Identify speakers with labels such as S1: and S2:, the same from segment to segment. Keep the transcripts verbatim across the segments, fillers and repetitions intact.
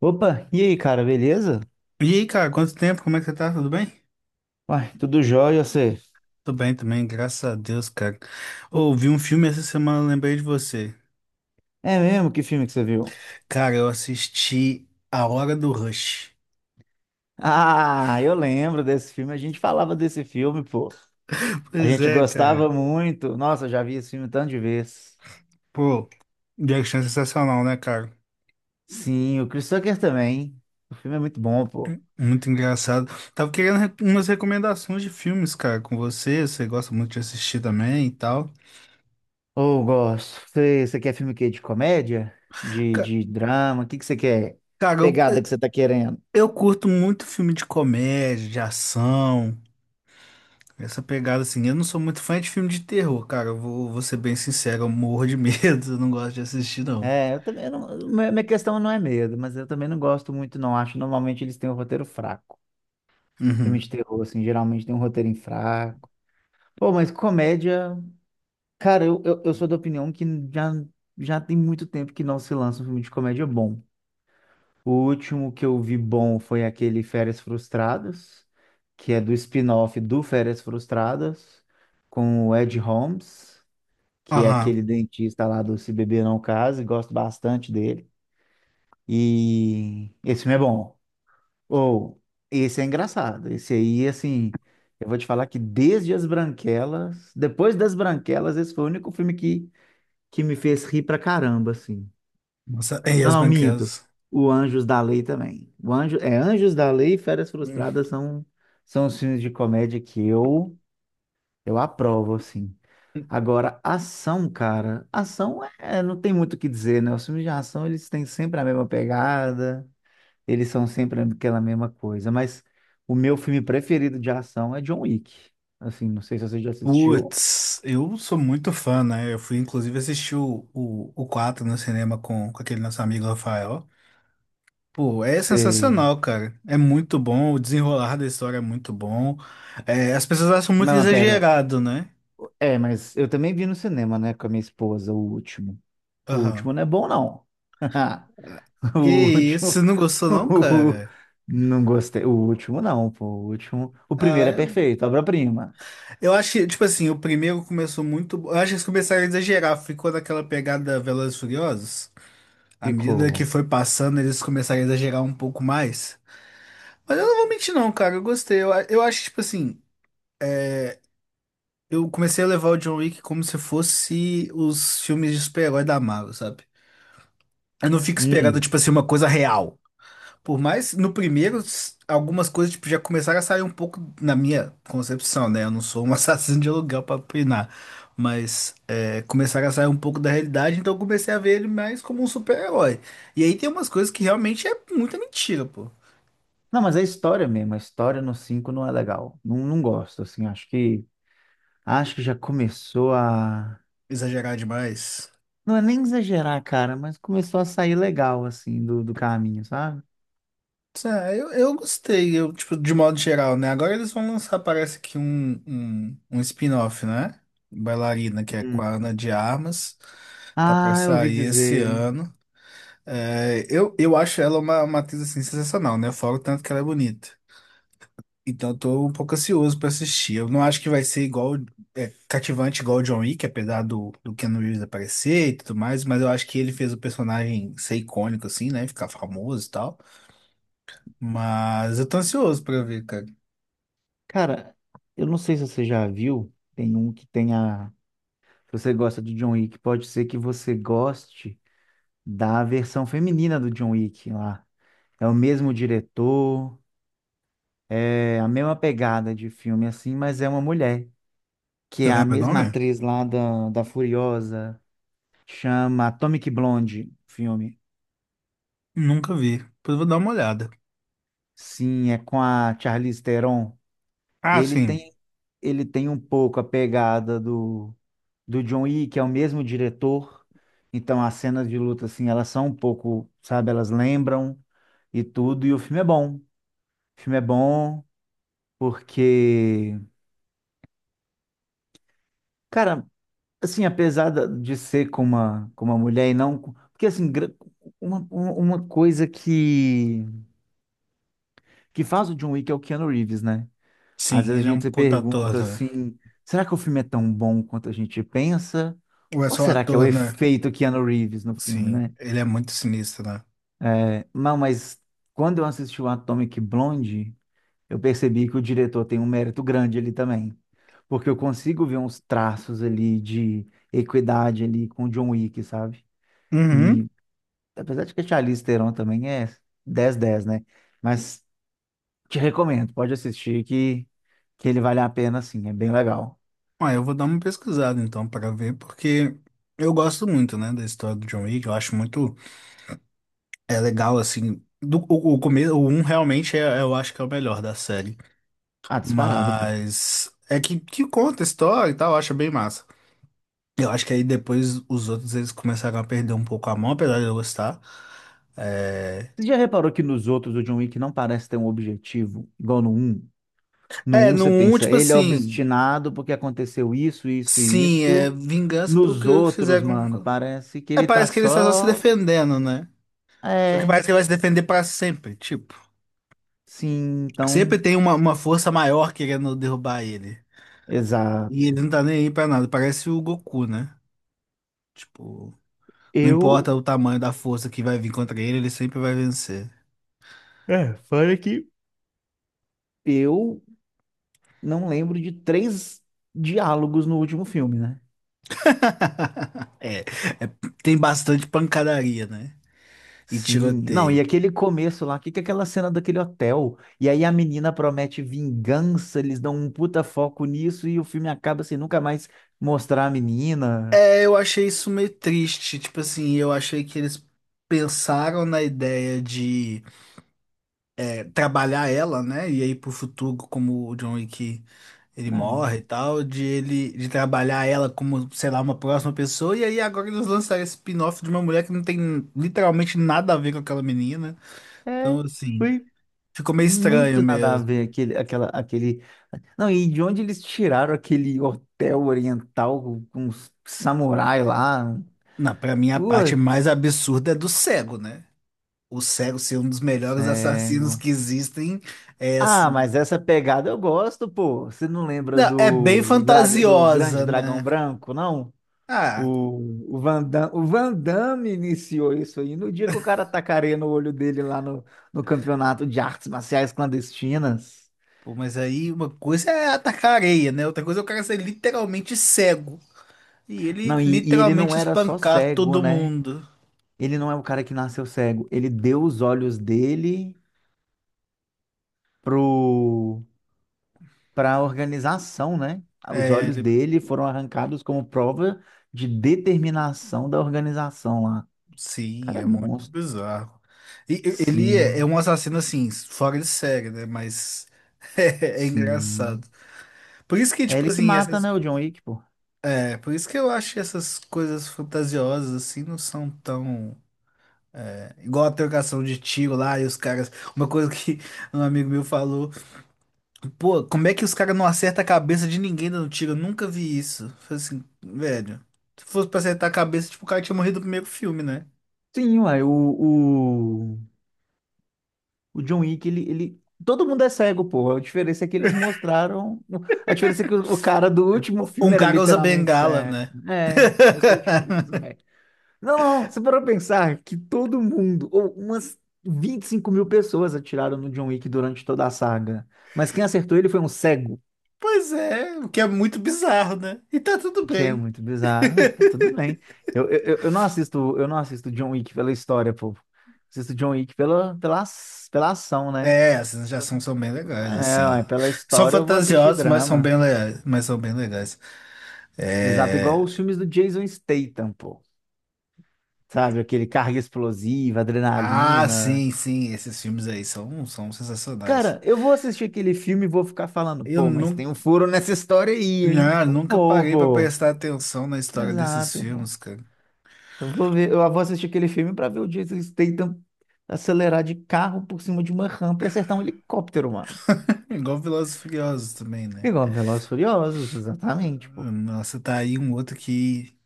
S1: Opa, e aí, cara, beleza?
S2: E aí, cara, quanto tempo? Como é que você tá? Tudo bem?
S1: Uai, tudo jóia, você?
S2: Tô bem também, graças a Deus, cara. Ouvi um filme essa semana, lembrei de você.
S1: É mesmo? Que filme que você viu?
S2: Cara, eu assisti A Hora do Rush.
S1: Ah, eu lembro desse filme, a gente falava desse filme, pô. A
S2: Pois
S1: gente
S2: é, cara.
S1: gostava muito. Nossa, eu já vi esse filme tanto de vez.
S2: Pô, Jackson é sensacional, né, cara?
S1: Sim, o Chris Tucker também. O filme é muito bom, pô.
S2: Muito engraçado. Tava querendo re- umas recomendações de filmes, cara, com você. Você gosta muito de assistir também e tal.
S1: Oh, gosto. Você, você quer filme o quê? De comédia? De,
S2: Ca-
S1: de drama? O que que você quer? Que
S2: Cara, eu,
S1: pegada que você tá querendo?
S2: eu curto muito filme de comédia, de ação. Essa pegada assim, eu não sou muito fã de filme de terror, cara. Eu vou, vou ser bem sincero, eu morro de medo, eu não gosto de assistir, não.
S1: É, eu também não. Minha minha questão não é medo, mas eu também não gosto muito, não. Acho que normalmente eles têm um roteiro fraco. Filme
S2: Uhum.
S1: de terror, assim, geralmente tem um roteirinho fraco. Pô, mas comédia. Cara, eu, eu, eu sou da opinião que já, já tem muito tempo que não se lança um filme de comédia bom. O último que eu vi bom foi aquele Férias Frustradas, que é do spin-off do Férias Frustradas, com o Ed Holmes, que é aquele
S2: Aham.
S1: dentista lá do Se Beber Não Case, gosto bastante dele. E esse filme é bom. Ou, esse é engraçado. Esse aí, assim, eu vou te falar que desde As Branquelas, depois das Branquelas, esse foi o único filme que, que me fez rir pra caramba, assim.
S2: Nossa, e
S1: Não,
S2: as
S1: não, minto.
S2: banqueras?
S1: O Anjos da Lei também. O Anjo, é, Anjos da Lei e Férias
S2: Hum.
S1: Frustradas são, são os filmes de comédia que eu, eu aprovo, assim. Agora, ação, cara, ação é, não tem muito o que dizer, né? Os filmes de ação, eles têm sempre a mesma pegada. Eles são sempre aquela mesma coisa. Mas o meu filme preferido de ação é John Wick. Assim, não sei se você já assistiu.
S2: Putz, eu sou muito fã, né? Eu fui inclusive assistir o, o, o quatro no cinema com, com aquele nosso amigo Rafael. Pô, é
S1: Sei.
S2: sensacional, cara. É muito bom, o desenrolar da história é muito bom. É, as pessoas acham muito
S1: Não, mas pera.
S2: exagerado, né?
S1: É, mas eu também vi no cinema, né, com a minha esposa, o último. O último
S2: Aham.
S1: não é bom, não.
S2: Que
S1: O
S2: isso,
S1: último.
S2: você não gostou não, cara?
S1: Não gostei. O último, não, pô. O último. O
S2: Ah,
S1: primeiro é
S2: eu
S1: perfeito, obra-prima.
S2: Eu acho que, tipo assim, o primeiro começou muito. Eu acho que eles começaram a exagerar. Ficou naquela pegada Velozes e Furiosos. À medida que
S1: Ficou.
S2: foi passando, eles começaram a exagerar um pouco mais. Mas eu não vou mentir, não, cara. Eu gostei. Eu, a- eu acho, tipo assim, eu comecei a levar o John Wick como se fosse os filmes de super-herói da Marvel, sabe? Eu não fico esperando,
S1: Hum.
S2: tipo assim, uma coisa real. Por mais no primeiro, s- algumas coisas tipo, já começaram a sair um pouco na minha concepção, né? Eu não sou um assassino de aluguel para opinar, mas é, começaram a sair um pouco da realidade, então eu comecei a ver ele mais como um super-herói. E aí tem umas coisas que realmente é muita mentira, pô.
S1: Não, mas é história mesmo. A história no cinco não é legal. Não, não gosto, assim. Acho que Acho que já começou a.
S2: Exagerar demais.
S1: Não é nem exagerar, cara, mas começou a sair legal, assim, do, do caminho, sabe?
S2: Ah, eu, eu gostei, eu, tipo, de modo geral, né? Agora eles vão lançar, parece que um, um, um spin-off, né? Bailarina, que é com
S1: Hum.
S2: a Ana de Armas. Tá pra
S1: Ah, eu ouvi
S2: sair esse
S1: dizer.
S2: ano. É, eu, eu acho ela uma, uma atriz assim, sensacional, né? Fora o tanto que ela é bonita. Então eu tô um pouco ansioso pra assistir. Eu não acho que vai ser igual, é, cativante igual o John Wick, apesar do, do Keanu Reeves aparecer e tudo mais, mas eu acho que ele fez o personagem ser icônico, assim, né? Ficar famoso e tal. Mas eu tô ansioso pra ver, cara.
S1: Cara, eu não sei se você já viu, tem um que tem a. Se você gosta de John Wick, pode ser que você goste da versão feminina do John Wick lá. É o mesmo diretor, é a mesma pegada de filme, assim, mas é uma mulher, que
S2: Você
S1: é a
S2: lembra o
S1: mesma
S2: nome?
S1: atriz lá da, da Furiosa, chama Atomic Blonde, o filme.
S2: Nunca vi. Depois eu vou dar uma olhada.
S1: Sim, é com a Charlize Theron.
S2: Ah,
S1: Ele
S2: sim.
S1: tem, Ele tem um pouco a pegada do, do John Wick, que é o mesmo diretor. Então as cenas de luta, assim, elas são um pouco, sabe, elas lembram e tudo. E o filme é bom. O filme é bom porque, cara, assim, apesar da- de ser com uma, com uma mulher e não. com- Porque, assim, gra- uma, uma uma coisa que, que faz o John Wick é o Keanu Reeves, né? Às
S2: Sim,
S1: vezes a
S2: ele é um
S1: gente se
S2: puta ator,
S1: pergunta
S2: né?
S1: assim: será que o filme é tão bom quanto a gente pensa?
S2: Ou é
S1: Ou
S2: só
S1: será que é o
S2: ator, né?
S1: efeito Keanu Reeves no filme,
S2: Sim,
S1: né?
S2: ele é muito sinistro, né?
S1: É, não, mas quando eu assisti o Atomic Blonde, eu percebi que o diretor tem um mérito grande ali também. Porque eu consigo ver uns traços ali de equidade ali com o John Wick, sabe?
S2: Uhum.
S1: E apesar de que a Charlize Theron também é dez dez, né? Mas te recomendo, pode assistir que, que ele vale a pena sim, é bem legal.
S2: Ah, eu vou dar uma pesquisada então para ver, porque eu gosto muito, né, da história do John Wick. Eu acho muito é legal assim. Do, o, o começo, o um realmente é, eu acho que é o melhor da série,
S1: Ah, disparado, pô.
S2: mas é que, que conta a história e tal, eu acho bem massa. Eu acho que aí depois os outros eles começaram a perder um pouco a mão, apesar de eu gostar. É,
S1: Você já reparou que nos outros o John Wick não parece ter um objetivo, igual no um? No
S2: é
S1: um
S2: no
S1: você
S2: um
S1: pensa,
S2: tipo
S1: ele é
S2: assim,
S1: obstinado porque aconteceu isso, isso e
S2: sim, é
S1: isso.
S2: vingança
S1: Nos
S2: porque
S1: outros,
S2: fizeram.
S1: mano, parece que
S2: É,
S1: ele tá
S2: parece que ele está só se
S1: só.
S2: defendendo, né? Só que
S1: É,
S2: parece que ele vai se defender para sempre, tipo.
S1: sim,
S2: Sempre
S1: então.
S2: tem uma, uma força maior querendo derrubar ele. E
S1: Exato.
S2: ele não tá nem aí pra nada. Parece o Goku, né? Tipo, não importa
S1: Eu.
S2: o tamanho da força que vai vir contra ele, ele sempre vai vencer.
S1: É, fora que. Eu não lembro de três diálogos no último filme, né?
S2: É, é- tem bastante pancadaria, né? E
S1: Sim, não, e
S2: tiroteio.
S1: aquele começo lá, que que é aquela cena daquele hotel? E aí a menina promete vingança, eles dão um puta foco nisso e o filme acaba sem nunca mais mostrar a menina.
S2: É, eu achei isso meio triste. Tipo assim, eu achei que eles pensaram na ideia de é, trabalhar ela, né? E aí pro futuro, como o John Wick. Ele
S1: Ah,
S2: morre e tal, de ele de trabalhar ela como, sei lá, uma próxima pessoa, e aí agora eles lançaram esse spin-off de uma mulher que não tem literalmente nada a ver com aquela menina.
S1: é,
S2: Então, assim,
S1: foi
S2: ficou meio estranho
S1: muito nada a
S2: mesmo.
S1: ver aquele, aquela, aquele. Não, e de onde eles tiraram aquele hotel oriental com, com os samurai lá?
S2: Na pra mim a parte mais
S1: Putz,
S2: absurda é do cego, né? O cego ser um dos melhores assassinos
S1: cego.
S2: que existem é
S1: Ah,
S2: assim.
S1: mas essa pegada eu gosto, pô. Você não lembra
S2: Não, é bem
S1: do, dra- do Grande
S2: fantasiosa,
S1: Dragão
S2: né?
S1: Branco, não?
S2: Ah,
S1: O, o Van Damme, o Van Damme iniciou isso aí no dia que o cara tacareia no olho dele lá no, no campeonato de artes marciais clandestinas.
S2: pô, mas aí uma coisa é atacar a areia, né? Outra coisa é o cara ser literalmente cego. E ele
S1: Não, e, e ele não
S2: literalmente
S1: era só
S2: espancar
S1: cego,
S2: todo
S1: né?
S2: mundo.
S1: Ele não é o cara que nasceu cego. Ele deu os olhos dele pro, pra organização, né? Os
S2: É,
S1: olhos
S2: ele-
S1: dele foram arrancados como prova de determinação da organização lá. O
S2: sim,
S1: cara é
S2: é muito
S1: monstro.
S2: bizarro. E, e- ele é, é
S1: Sim,
S2: um assassino assim, fora de série, né? Mas é, é
S1: sim.
S2: engraçado. Por isso que,
S1: É
S2: tipo
S1: ele que
S2: assim,
S1: mata,
S2: essas,
S1: né, o John Wick, pô.
S2: é, por isso que eu acho que essas coisas fantasiosas assim não são tão. é, Igual a trocação de tiro lá e os caras. Uma coisa que um amigo meu falou. Pô, como é que os caras não acertam a cabeça de ninguém dando tiro? Eu nunca vi isso. Falei assim, velho. Se fosse pra acertar a cabeça, tipo, o cara tinha morrido no primeiro filme, né?
S1: Sim, uai, o, o, o John Wick, ele, ele. Todo mundo é cego, pô. A diferença é que eles mostraram. A diferença é que o, o cara do último
S2: Ou
S1: filme
S2: Um
S1: era
S2: cara usa
S1: literalmente
S2: bengala,
S1: cego.
S2: né?
S1: É, essa foi a diferença, velho. Não, não, não, você parou pra pensar que todo mundo, ou umas vinte e cinco mil pessoas atiraram no John Wick durante toda a saga. Mas quem acertou ele foi um cego,
S2: Pois é, o que é muito bizarro, né? E tá tudo
S1: o que é
S2: bem.
S1: muito bizarro. Ah, tá tudo bem. Eu, eu, eu eu não assisto, eu não assisto John Wick pela história, pô. Assisto John Wick pela, pela, ac- pela ação, né?
S2: É, essas já são, são bem legais,
S1: É,
S2: assim.
S1: ué, pela
S2: São
S1: história eu vou assistir
S2: fantasiosas, mas são
S1: drama.
S2: bem legais. Mas são bem legais.
S1: Exato, igual
S2: É.
S1: os filmes do Jason Statham, pô. Sabe, aquele carga explosiva,
S2: Ah,
S1: adrenalina.
S2: sim, sim, esses filmes aí são, são sensacionais.
S1: Cara, eu vou assistir aquele filme e vou ficar falando,
S2: Eu
S1: pô, mas
S2: não,
S1: tem um furo nessa história aí, hein?
S2: Ah,
S1: Não
S2: nunca
S1: vou,
S2: parei pra
S1: pô.
S2: prestar atenção na história desses
S1: Exato, pô.
S2: filmes, cara.
S1: Eu vou ver, eu vou assistir aquele filme pra ver o Jason Statham acelerar de carro por cima de uma rampa e acertar um helicóptero, mano.
S2: Igual Velozes e Furiosos também, né?
S1: Igual Velozes e Furiosos, exatamente, pô.
S2: Nossa, tá aí um outro que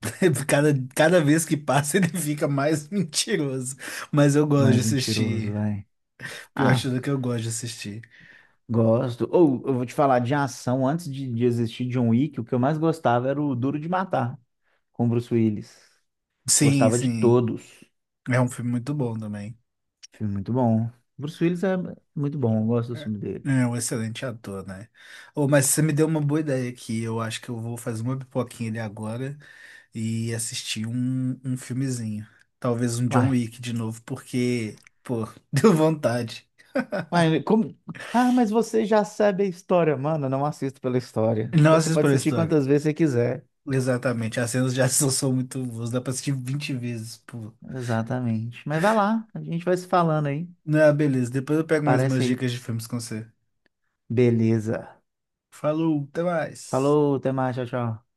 S2: cada, cada vez que passa ele fica mais mentiroso. Mas eu gosto de
S1: Mais mentiroso,
S2: assistir.
S1: vai.
S2: Pior de
S1: Ah,
S2: tudo que eu gosto de assistir.
S1: gosto. Ou eu vou te falar de ação. Antes de, de existir John Wick, o que eu mais gostava era o Duro de Matar, com Bruce Willis.
S2: Sim,
S1: Gostava de
S2: sim.
S1: todos.
S2: É um filme muito bom também.
S1: Filme muito bom. Bruce Willis é muito bom, eu gosto do
S2: É
S1: filme dele.
S2: é um excelente ator, né? Oh, mas você me deu uma boa ideia aqui. Eu acho que eu vou fazer uma pipoquinha ali agora. E assistir um, um filmezinho. Talvez um John
S1: Uai,
S2: Wick de novo, porque, pô, deu vontade.
S1: uai, como... Ah, mas você já sabe a história. Mano, eu não assisto pela história.
S2: Não
S1: Então você
S2: assisto
S1: pode
S2: pela
S1: assistir
S2: história.
S1: quantas vezes você quiser.
S2: Exatamente, as cenas de ação são muito boas, dá pra assistir vinte vezes, pô.
S1: Exatamente. Mas vai lá, a gente vai se falando aí.
S2: Não, é, ah, beleza, depois eu pego mais
S1: Parece
S2: umas
S1: aí.
S2: dicas de filmes com você.
S1: Beleza.
S2: Falou, até mais.
S1: Falou, até mais, tchau, tchau.